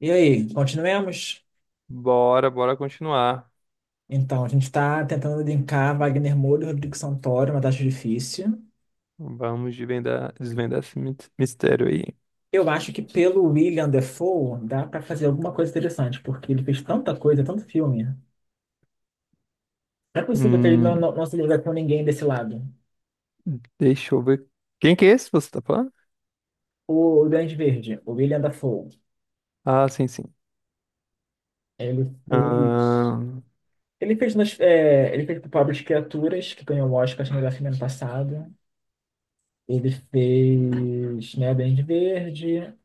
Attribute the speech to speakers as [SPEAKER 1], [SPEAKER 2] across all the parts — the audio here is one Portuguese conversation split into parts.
[SPEAKER 1] E aí, continuemos?
[SPEAKER 2] Bora, bora continuar.
[SPEAKER 1] Então, a gente está tentando linkar Wagner Moura e Rodrigo Santoro, uma tarefa difícil.
[SPEAKER 2] Vamos desvendar, desvendar esse mistério aí.
[SPEAKER 1] Eu acho que pelo William Dafoe dá para fazer alguma coisa interessante, porque ele fez tanta coisa, tanto filme. Não é possível que ele
[SPEAKER 2] Hum,
[SPEAKER 1] não, não, não se liga com ninguém desse lado.
[SPEAKER 2] deixa eu ver. Quem que é esse que você tá falando?
[SPEAKER 1] O Grande Verde, o William Dafoe,
[SPEAKER 2] Ah, sim, sim.
[SPEAKER 1] ele fez.
[SPEAKER 2] Ahn,
[SPEAKER 1] Ele fez Pobres Criaturas, que ganhou o Oscar acho que no melhor filme ano passado. Ele fez, né, Grande Verde.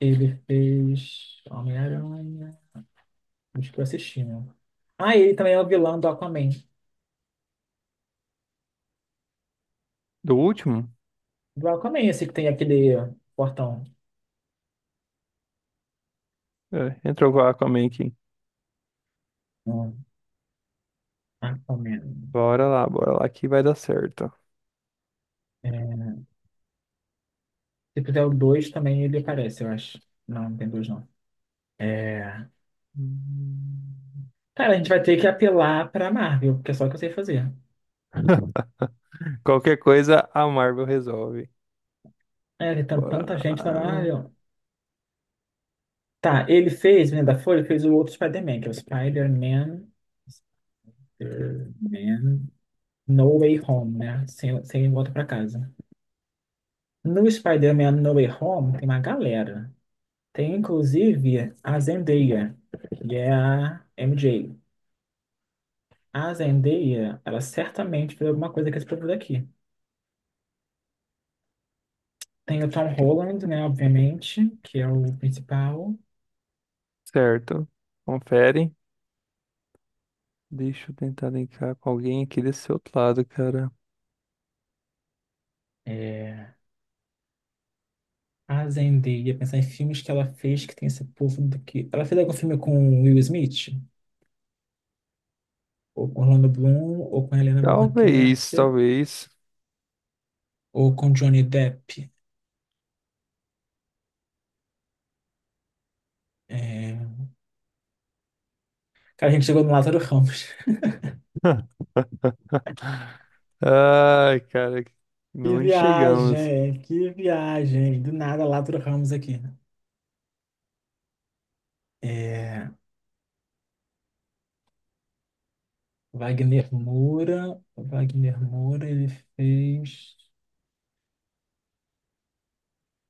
[SPEAKER 1] Ele fez Homem-Aranha. Acho que eu assisti, né? Ah, ele também é o vilão do Aquaman.
[SPEAKER 2] do último?
[SPEAKER 1] Do Aquaman, esse que tem aquele portão.
[SPEAKER 2] É, entrou com a Aquaman aqui.
[SPEAKER 1] Hum, Aquaman.
[SPEAKER 2] Bora lá que vai dar certo.
[SPEAKER 1] É, se fizer o 2 também ele aparece, eu acho. Não, não tem dois não. É...
[SPEAKER 2] Hum.
[SPEAKER 1] Cara, a gente vai ter que apelar pra Marvel, porque é só o que eu sei fazer.
[SPEAKER 2] Qualquer coisa a Marvel resolve.
[SPEAKER 1] É, ele tem
[SPEAKER 2] Bora
[SPEAKER 1] tanta gente da
[SPEAKER 2] lá.
[SPEAKER 1] Marvel. Tá, ele fez, né, da Folha, fez o outro Spider-Man, que é o Spider-Man. Spider-Man. No Way Home, né? Sem volta pra casa. No Spider-Man No Way Home tem uma galera. Tem inclusive a Zendaya, que é a MJ. A Zendaya, ela certamente fez alguma coisa com esse povo daqui. Tem o Tom Holland, né, obviamente, que é o principal.
[SPEAKER 2] Certo. Confere. Deixa eu tentar linkar com alguém aqui desse outro lado, cara.
[SPEAKER 1] É, a Zendaya, pensar em filmes que ela fez que tem esse povo daqui. Ela fez algum filme com o Will Smith? Ou com Orlando Bloom? Ou com Helena Bonham
[SPEAKER 2] Talvez,
[SPEAKER 1] Carter?
[SPEAKER 2] talvez.
[SPEAKER 1] Ou com Johnny Depp? É, cara, a gente chegou no Lázaro Ramos.
[SPEAKER 2] Ai, cara,
[SPEAKER 1] Que
[SPEAKER 2] onde chegamos?
[SPEAKER 1] viagem, que viagem. Do nada, Lázaro Ramos aqui. É, Wagner Moura, Wagner Moura, ele fez.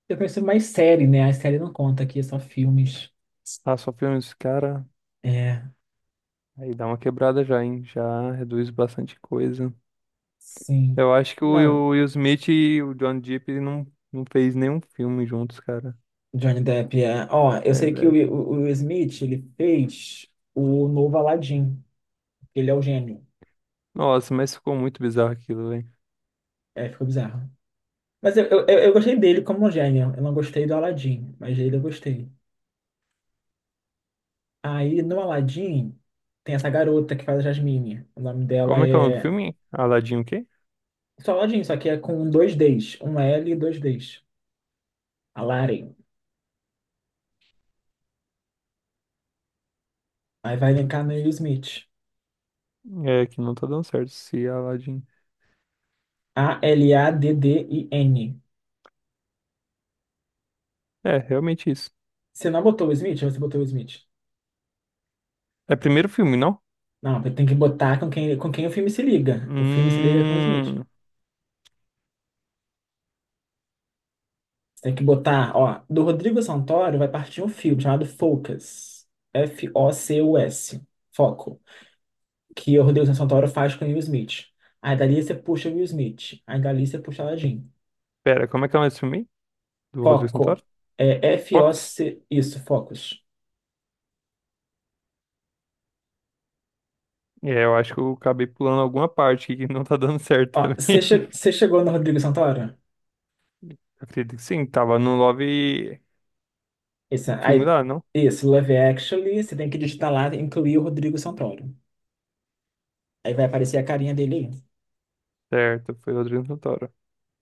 [SPEAKER 1] Eu pensei mais série, né? A série não conta aqui, é só filmes.
[SPEAKER 2] Ah, só filmes, cara,
[SPEAKER 1] É,
[SPEAKER 2] aí dá uma quebrada já, hein? Já reduz bastante coisa.
[SPEAKER 1] sim.
[SPEAKER 2] Eu acho que o
[SPEAKER 1] Não,
[SPEAKER 2] Will Smith e o John Depp não, não fez nenhum filme juntos, cara.
[SPEAKER 1] Johnny Depp é. Ó,
[SPEAKER 2] É,
[SPEAKER 1] eu sei que o,
[SPEAKER 2] é-
[SPEAKER 1] o, o Will Smith, ele fez o novo Aladdin. Ele é o gênio.
[SPEAKER 2] Nossa, mas ficou muito bizarro aquilo, velho.
[SPEAKER 1] É, ficou bizarro. Mas eu gostei dele como um gênio. Eu não gostei do Aladdin, mas dele eu gostei. Aí no Aladdin tem essa garota que faz a Jasmine. O nome dela
[SPEAKER 2] Como é que é o nome do
[SPEAKER 1] é
[SPEAKER 2] filme? Aladdin o quê?
[SPEAKER 1] Salgadinho, só que é com dois Ds. Um L e dois Ds. Aladdin. Aí vai linkar no Will Smith.
[SPEAKER 2] É, que não tá dando certo se Aladdin...
[SPEAKER 1] A-L-A-D-D-I-N.
[SPEAKER 2] É, realmente isso.
[SPEAKER 1] Você não botou o Smith ou você botou o Smith?
[SPEAKER 2] É primeiro filme, não?
[SPEAKER 1] Não, tem que botar com quem o filme se liga. O filme se liga com o Smith.
[SPEAKER 2] Hum...
[SPEAKER 1] Você tem que botar, ó, do Rodrigo Santoro vai partir um filme chamado Focus. F-O-C-U-S. Foco. Que o Rodrigo Santoro faz com o Will Smith. Aí dali você puxa o Will Smith. Aí dali você puxa o Aladdin.
[SPEAKER 2] Pera, como é que é o nome desse filme aí? Do Rodrigo Santoro?
[SPEAKER 1] Foco. É
[SPEAKER 2] Fox?
[SPEAKER 1] F-O-C. Isso, Focus.
[SPEAKER 2] É, eu acho que eu acabei pulando alguma parte que não tá dando certo
[SPEAKER 1] Ó, você
[SPEAKER 2] também.
[SPEAKER 1] che- você chegou no Rodrigo Santoro?
[SPEAKER 2] Eu acredito que sim, tava no Love,
[SPEAKER 1] Isso,
[SPEAKER 2] no filme
[SPEAKER 1] aí,
[SPEAKER 2] lá, não?
[SPEAKER 1] isso, Love Actually, você tem que digitar lá, incluir o Rodrigo Santoro. Aí vai aparecer a carinha dele aí.
[SPEAKER 2] Certo, foi Rodrigo Santoro.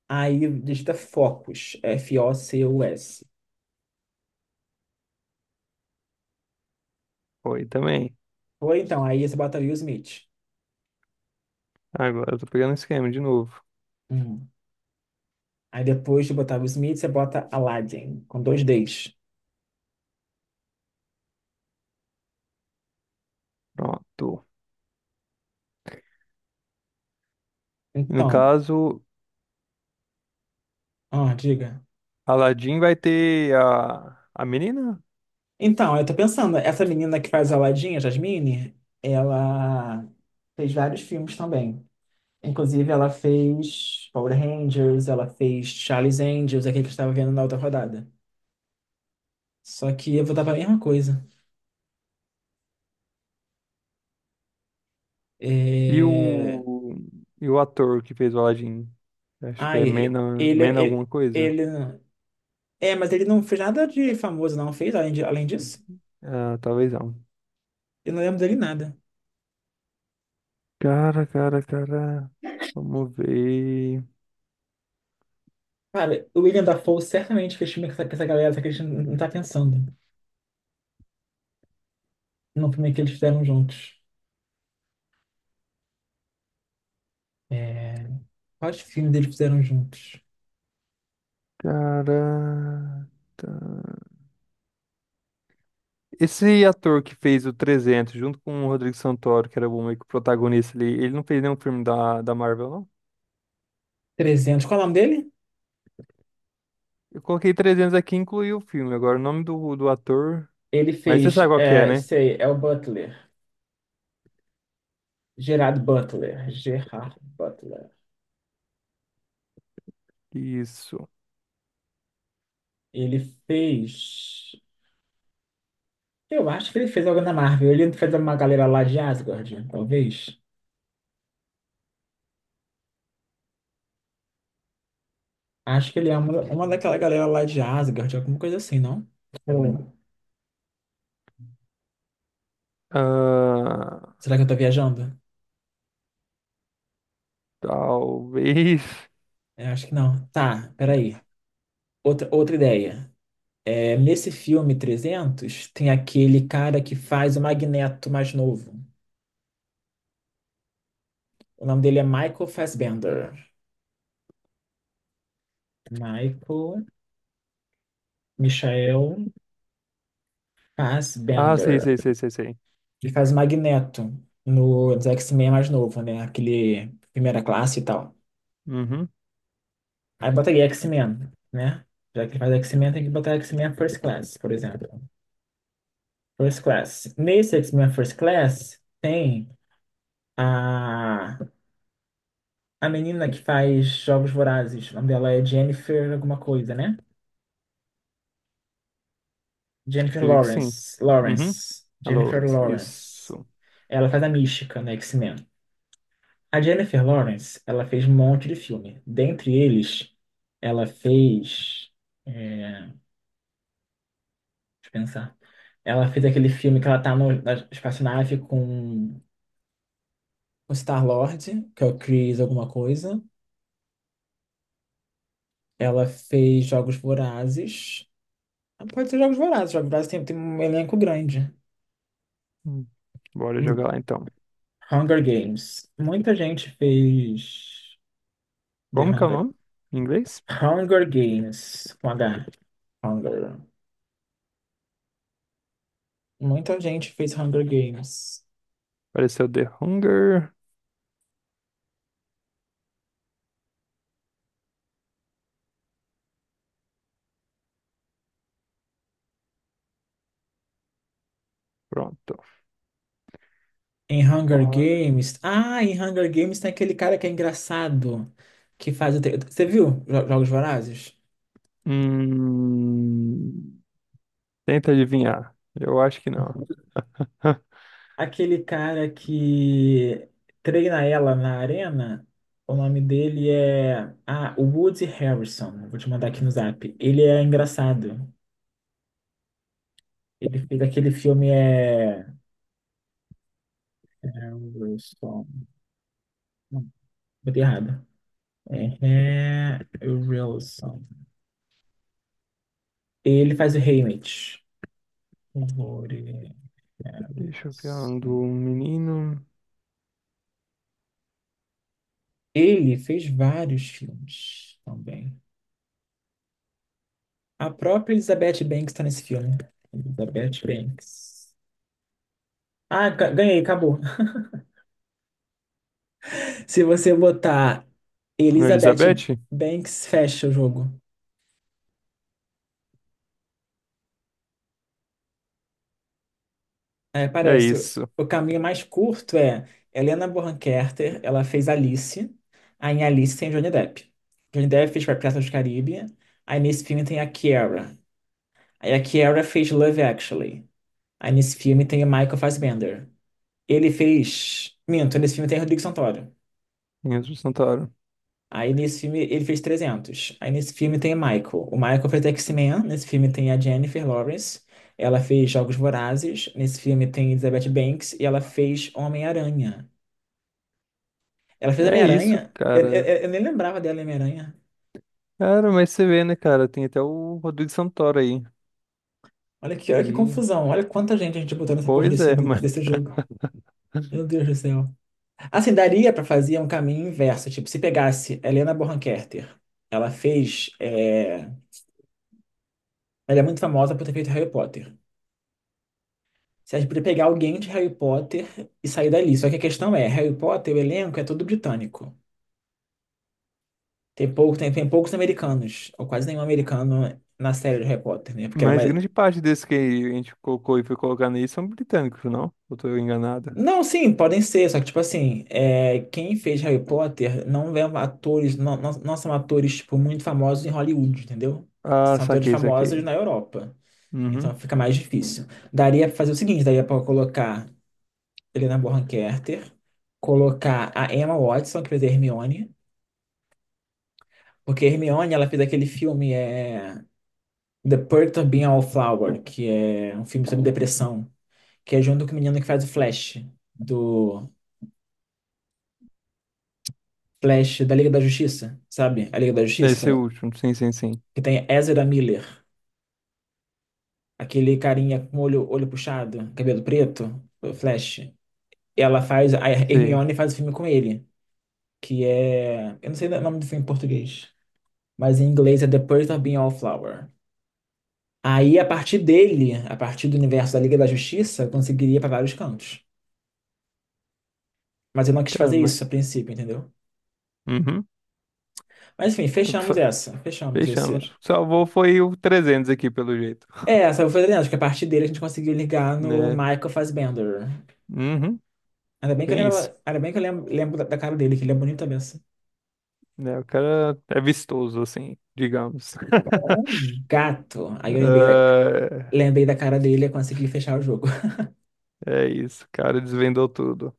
[SPEAKER 1] Aí digita Focus, F-O-C-U-S.
[SPEAKER 2] Foi também.
[SPEAKER 1] Ou então, aí você bota Will Smith.
[SPEAKER 2] Agora eu tô pegando o esquema de novo.
[SPEAKER 1] Hum. Aí depois de botar Will Smith, você bota Aladdin, com dois Ds.
[SPEAKER 2] Pronto. No
[SPEAKER 1] Então,
[SPEAKER 2] caso,
[SPEAKER 1] ó, diga.
[SPEAKER 2] Aladdin vai ter a menina
[SPEAKER 1] Então, eu tô pensando, essa menina que faz Aladdin, a Jasmine, ela fez vários filmes também. Inclusive, ela fez Power Rangers, ela fez Charlie's Angels, aquele que eu estava vendo na outra rodada. Só que eu vou para a mesma coisa.
[SPEAKER 2] e
[SPEAKER 1] É...
[SPEAKER 2] e o ator que fez o Aladdin. Acho que é
[SPEAKER 1] Ai, ele,
[SPEAKER 2] Mena alguma
[SPEAKER 1] ele,
[SPEAKER 2] coisa.
[SPEAKER 1] ele. É, mas ele não fez nada de famoso, não fez, além disso.
[SPEAKER 2] Ah, talvez não.
[SPEAKER 1] Eu não lembro dele nada.
[SPEAKER 2] Cara, cara, cara. Vamos ver.
[SPEAKER 1] Cara, o William Dafoe certamente fez filme com essa galera, só que a gente não tá pensando no filme que eles fizeram juntos. É... Quais filmes eles fizeram juntos?
[SPEAKER 2] Caraca. Esse ator que fez o 300 junto com o Rodrigo Santoro, que era o meio que o protagonista ali, ele não fez nenhum filme da Marvel, não?
[SPEAKER 1] Trezentos. Qual é o nome dele?
[SPEAKER 2] Eu coloquei 300 aqui e incluí o filme. Agora, o nome do ator.
[SPEAKER 1] Ele
[SPEAKER 2] Mas você sabe
[SPEAKER 1] fez,
[SPEAKER 2] qual que é,
[SPEAKER 1] é,
[SPEAKER 2] né?
[SPEAKER 1] sei, é o Butler. Gerard Butler. Gerard Butler.
[SPEAKER 2] Isso.
[SPEAKER 1] Ele fez. Eu acho que ele fez algo na Marvel. Ele fez uma galera lá de Asgard, talvez. Acho que ele é uma daquela galera lá de Asgard, alguma coisa assim, não? Hum.
[SPEAKER 2] Ah,
[SPEAKER 1] Será que eu tô viajando?
[SPEAKER 2] talvez.
[SPEAKER 1] É, acho que não. Tá, peraí. Outra ideia. É, nesse filme 300, tem aquele cara que faz o Magneto mais novo. O nome dele é Michael Fassbender. Michael Michael
[SPEAKER 2] Ah,
[SPEAKER 1] Fassbender.
[SPEAKER 2] sei.
[SPEAKER 1] Ele faz o Magneto no dos X-Men mais novo, né? Aquele primeira classe e tal.
[SPEAKER 2] Uhum.
[SPEAKER 1] Aí botaria X-Men, né? Já que ele faz X-Men, tem que botar X-Men First Class, por exemplo. First Class. Nesse X-Men First Class, tem a, a menina que faz Jogos Vorazes. O nome dela é Jennifer alguma coisa, né? Jennifer
[SPEAKER 2] Acredito que sim.
[SPEAKER 1] Lawrence.
[SPEAKER 2] Uhum.
[SPEAKER 1] Lawrence.
[SPEAKER 2] A
[SPEAKER 1] Jennifer
[SPEAKER 2] Lawrence.
[SPEAKER 1] Lawrence.
[SPEAKER 2] Isso.
[SPEAKER 1] Ela faz a Mística no X-Men. A Jennifer Lawrence, ela fez um monte de filme. Dentre eles, ela fez. É, deixa eu pensar. Ela fez aquele filme que ela tá no, na espaçonave com o Star-Lord, que é o Chris alguma coisa. Ela fez Jogos Vorazes. Ah, pode ser Jogos Vorazes. Jogos Vorazes tem um elenco grande.
[SPEAKER 2] Hum. Bora
[SPEAKER 1] Hum,
[SPEAKER 2] jogar lá então.
[SPEAKER 1] Hunger Games. Muita gente fez The
[SPEAKER 2] Como que é o
[SPEAKER 1] Hunger.
[SPEAKER 2] nome? Em inglês?
[SPEAKER 1] Hunger Games. Com H. Hunger. Muita gente fez Hunger Games.
[SPEAKER 2] Pareceu The Hunger. Pronto.
[SPEAKER 1] Em Hunger
[SPEAKER 2] Fora.
[SPEAKER 1] Games. Ah, em Hunger Games tem aquele cara que é engraçado. Que faz o tre- Você viu Jo- Jogos Vorazes?
[SPEAKER 2] Hum, tenta adivinhar. Eu acho que não.
[SPEAKER 1] Aquele cara que treina ela na arena. O nome dele é. Ah, o Woody Harrison. Vou te mandar aqui no zap. Ele é engraçado. Ele fez aquele filme. É. Harrison. Não, botei errado. É Harrison. Ele faz o Haymitch. Glórias.
[SPEAKER 2] Deixa eu ver um do menino.
[SPEAKER 1] Ele fez vários filmes também. A própria Elizabeth Banks está nesse filme, né? Elizabeth Banks. Ah, ga- ganhei, acabou. Se você botar
[SPEAKER 2] No
[SPEAKER 1] Elizabeth
[SPEAKER 2] Elizabeth?
[SPEAKER 1] Banks, fecha o jogo. Aí
[SPEAKER 2] É
[SPEAKER 1] aparece.
[SPEAKER 2] isso.
[SPEAKER 1] O caminho mais curto é Helena Bonham Carter, ela fez Alice. Aí em Alice tem Johnny Depp. Johnny Depp fez Piratas do Caribe. Aí nesse filme tem a Kiara. Aí a Kiara fez Love Actually. Aí nesse filme tem o Michael Fassbender. Ele fez. Minto, nesse filme tem o Rodrigo Santoro.
[SPEAKER 2] Meninos do Santoro.
[SPEAKER 1] Aí nesse filme ele fez trezentos. Aí nesse filme tem o Michael. O Michael fez X-Men. Nesse filme tem a Jennifer Lawrence. Ela fez Jogos Vorazes. Nesse filme tem Elizabeth Banks. E ela fez Homem-Aranha. Ela fez
[SPEAKER 2] É isso,
[SPEAKER 1] Homem-Aranha? Eu, eu-
[SPEAKER 2] cara.
[SPEAKER 1] eu nem lembrava dela em Homem-Aranha.
[SPEAKER 2] Cara, mas você vê, né, cara? Tem até o Rodrigo Santoro aí.
[SPEAKER 1] Olha que
[SPEAKER 2] E,
[SPEAKER 1] confusão. Olha quanta gente a gente botou nessa porra
[SPEAKER 2] pois
[SPEAKER 1] desse,
[SPEAKER 2] é, mas,
[SPEAKER 1] desse jogo. Meu Deus do céu. Assim, daria para fazer um caminho inverso. Tipo, se pegasse Helena Bonham Carter, ela fez. Ela é muito famosa por ter feito Harry Potter. Se a gente poderia pegar alguém de Harry Potter e sair dali. Só que a questão é: Harry Potter, o elenco é todo britânico. Tem poucos americanos, ou quase nenhum americano na série de Harry Potter, né? Porque ela é
[SPEAKER 2] mas
[SPEAKER 1] mais...
[SPEAKER 2] grande parte desses que a gente colocou e foi colocar nisso são britânicos, não? Ou tô enganado?
[SPEAKER 1] Não, sim, podem ser, só que, tipo assim, é, quem fez Harry Potter não é um atores, não, não, não são atores, tipo, muito famosos em Hollywood, entendeu?
[SPEAKER 2] Ah,
[SPEAKER 1] São atores
[SPEAKER 2] saquei,
[SPEAKER 1] famosos
[SPEAKER 2] saquei.
[SPEAKER 1] na Europa. Então
[SPEAKER 2] Uhum.
[SPEAKER 1] fica mais difícil. Daria para fazer o seguinte, daria para colocar Helena Bonham Carter, colocar a Emma Watson, que fez a Hermione, porque a Hermione, ela fez aquele filme é The Perks of Being a Wallflower, que é um filme sobre depressão, que é junto com o menino que faz o Flash, do Flash da Liga da Justiça, sabe? A Liga da
[SPEAKER 2] Deve
[SPEAKER 1] Justiça, que tem,
[SPEAKER 2] ser o último. Sim, sim, sim.
[SPEAKER 1] que tem Ezra Miller, aquele carinha com olho, olho puxado, cabelo preto, o Flash. Ela faz, a
[SPEAKER 2] Sim.
[SPEAKER 1] Hermione faz o filme com ele. Que é. Eu não sei o nome do filme em português, mas em inglês é The Perks of Being a Wallflower. Aí, a partir dele, a partir do universo da Liga da Justiça, eu conseguiria ir para vários cantos. Mas eu não quis
[SPEAKER 2] Cara,
[SPEAKER 1] fazer
[SPEAKER 2] mas.
[SPEAKER 1] isso a princípio, entendeu?
[SPEAKER 2] Uhum.
[SPEAKER 1] Mas enfim,
[SPEAKER 2] O que
[SPEAKER 1] fechamos
[SPEAKER 2] fa-
[SPEAKER 1] essa. Fechamos esse.
[SPEAKER 2] Fechamos. O que salvou foi o 300 aqui, pelo jeito.
[SPEAKER 1] É, essa eu vou fazer, acho que a partir dele a gente conseguiu ligar no
[SPEAKER 2] Né?
[SPEAKER 1] Michael Fassbender.
[SPEAKER 2] Uhum,
[SPEAKER 1] Ainda bem que eu
[SPEAKER 2] bem
[SPEAKER 1] lembro,
[SPEAKER 2] isso.
[SPEAKER 1] ainda bem que eu lembro, lembro da cara dele, que ele é bonito também, assim.
[SPEAKER 2] Né? O cara é vistoso, assim, digamos.
[SPEAKER 1] É um gato. Aí eu lembrei da,
[SPEAKER 2] É,
[SPEAKER 1] lembrei da cara dele e consegui fechar o jogo.
[SPEAKER 2] é isso, o cara desvendou tudo.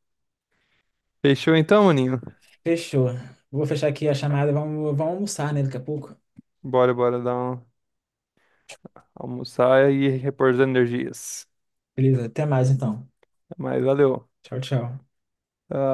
[SPEAKER 2] Fechou então, maninho?
[SPEAKER 1] Fechou. Vou fechar aqui a chamada. Vamos almoçar, né, daqui a pouco.
[SPEAKER 2] Bora, bora dar um almoçar e repor as energias.
[SPEAKER 1] Beleza, até mais então.
[SPEAKER 2] Mas valeu.
[SPEAKER 1] Tchau, tchau.
[SPEAKER 2] Ah,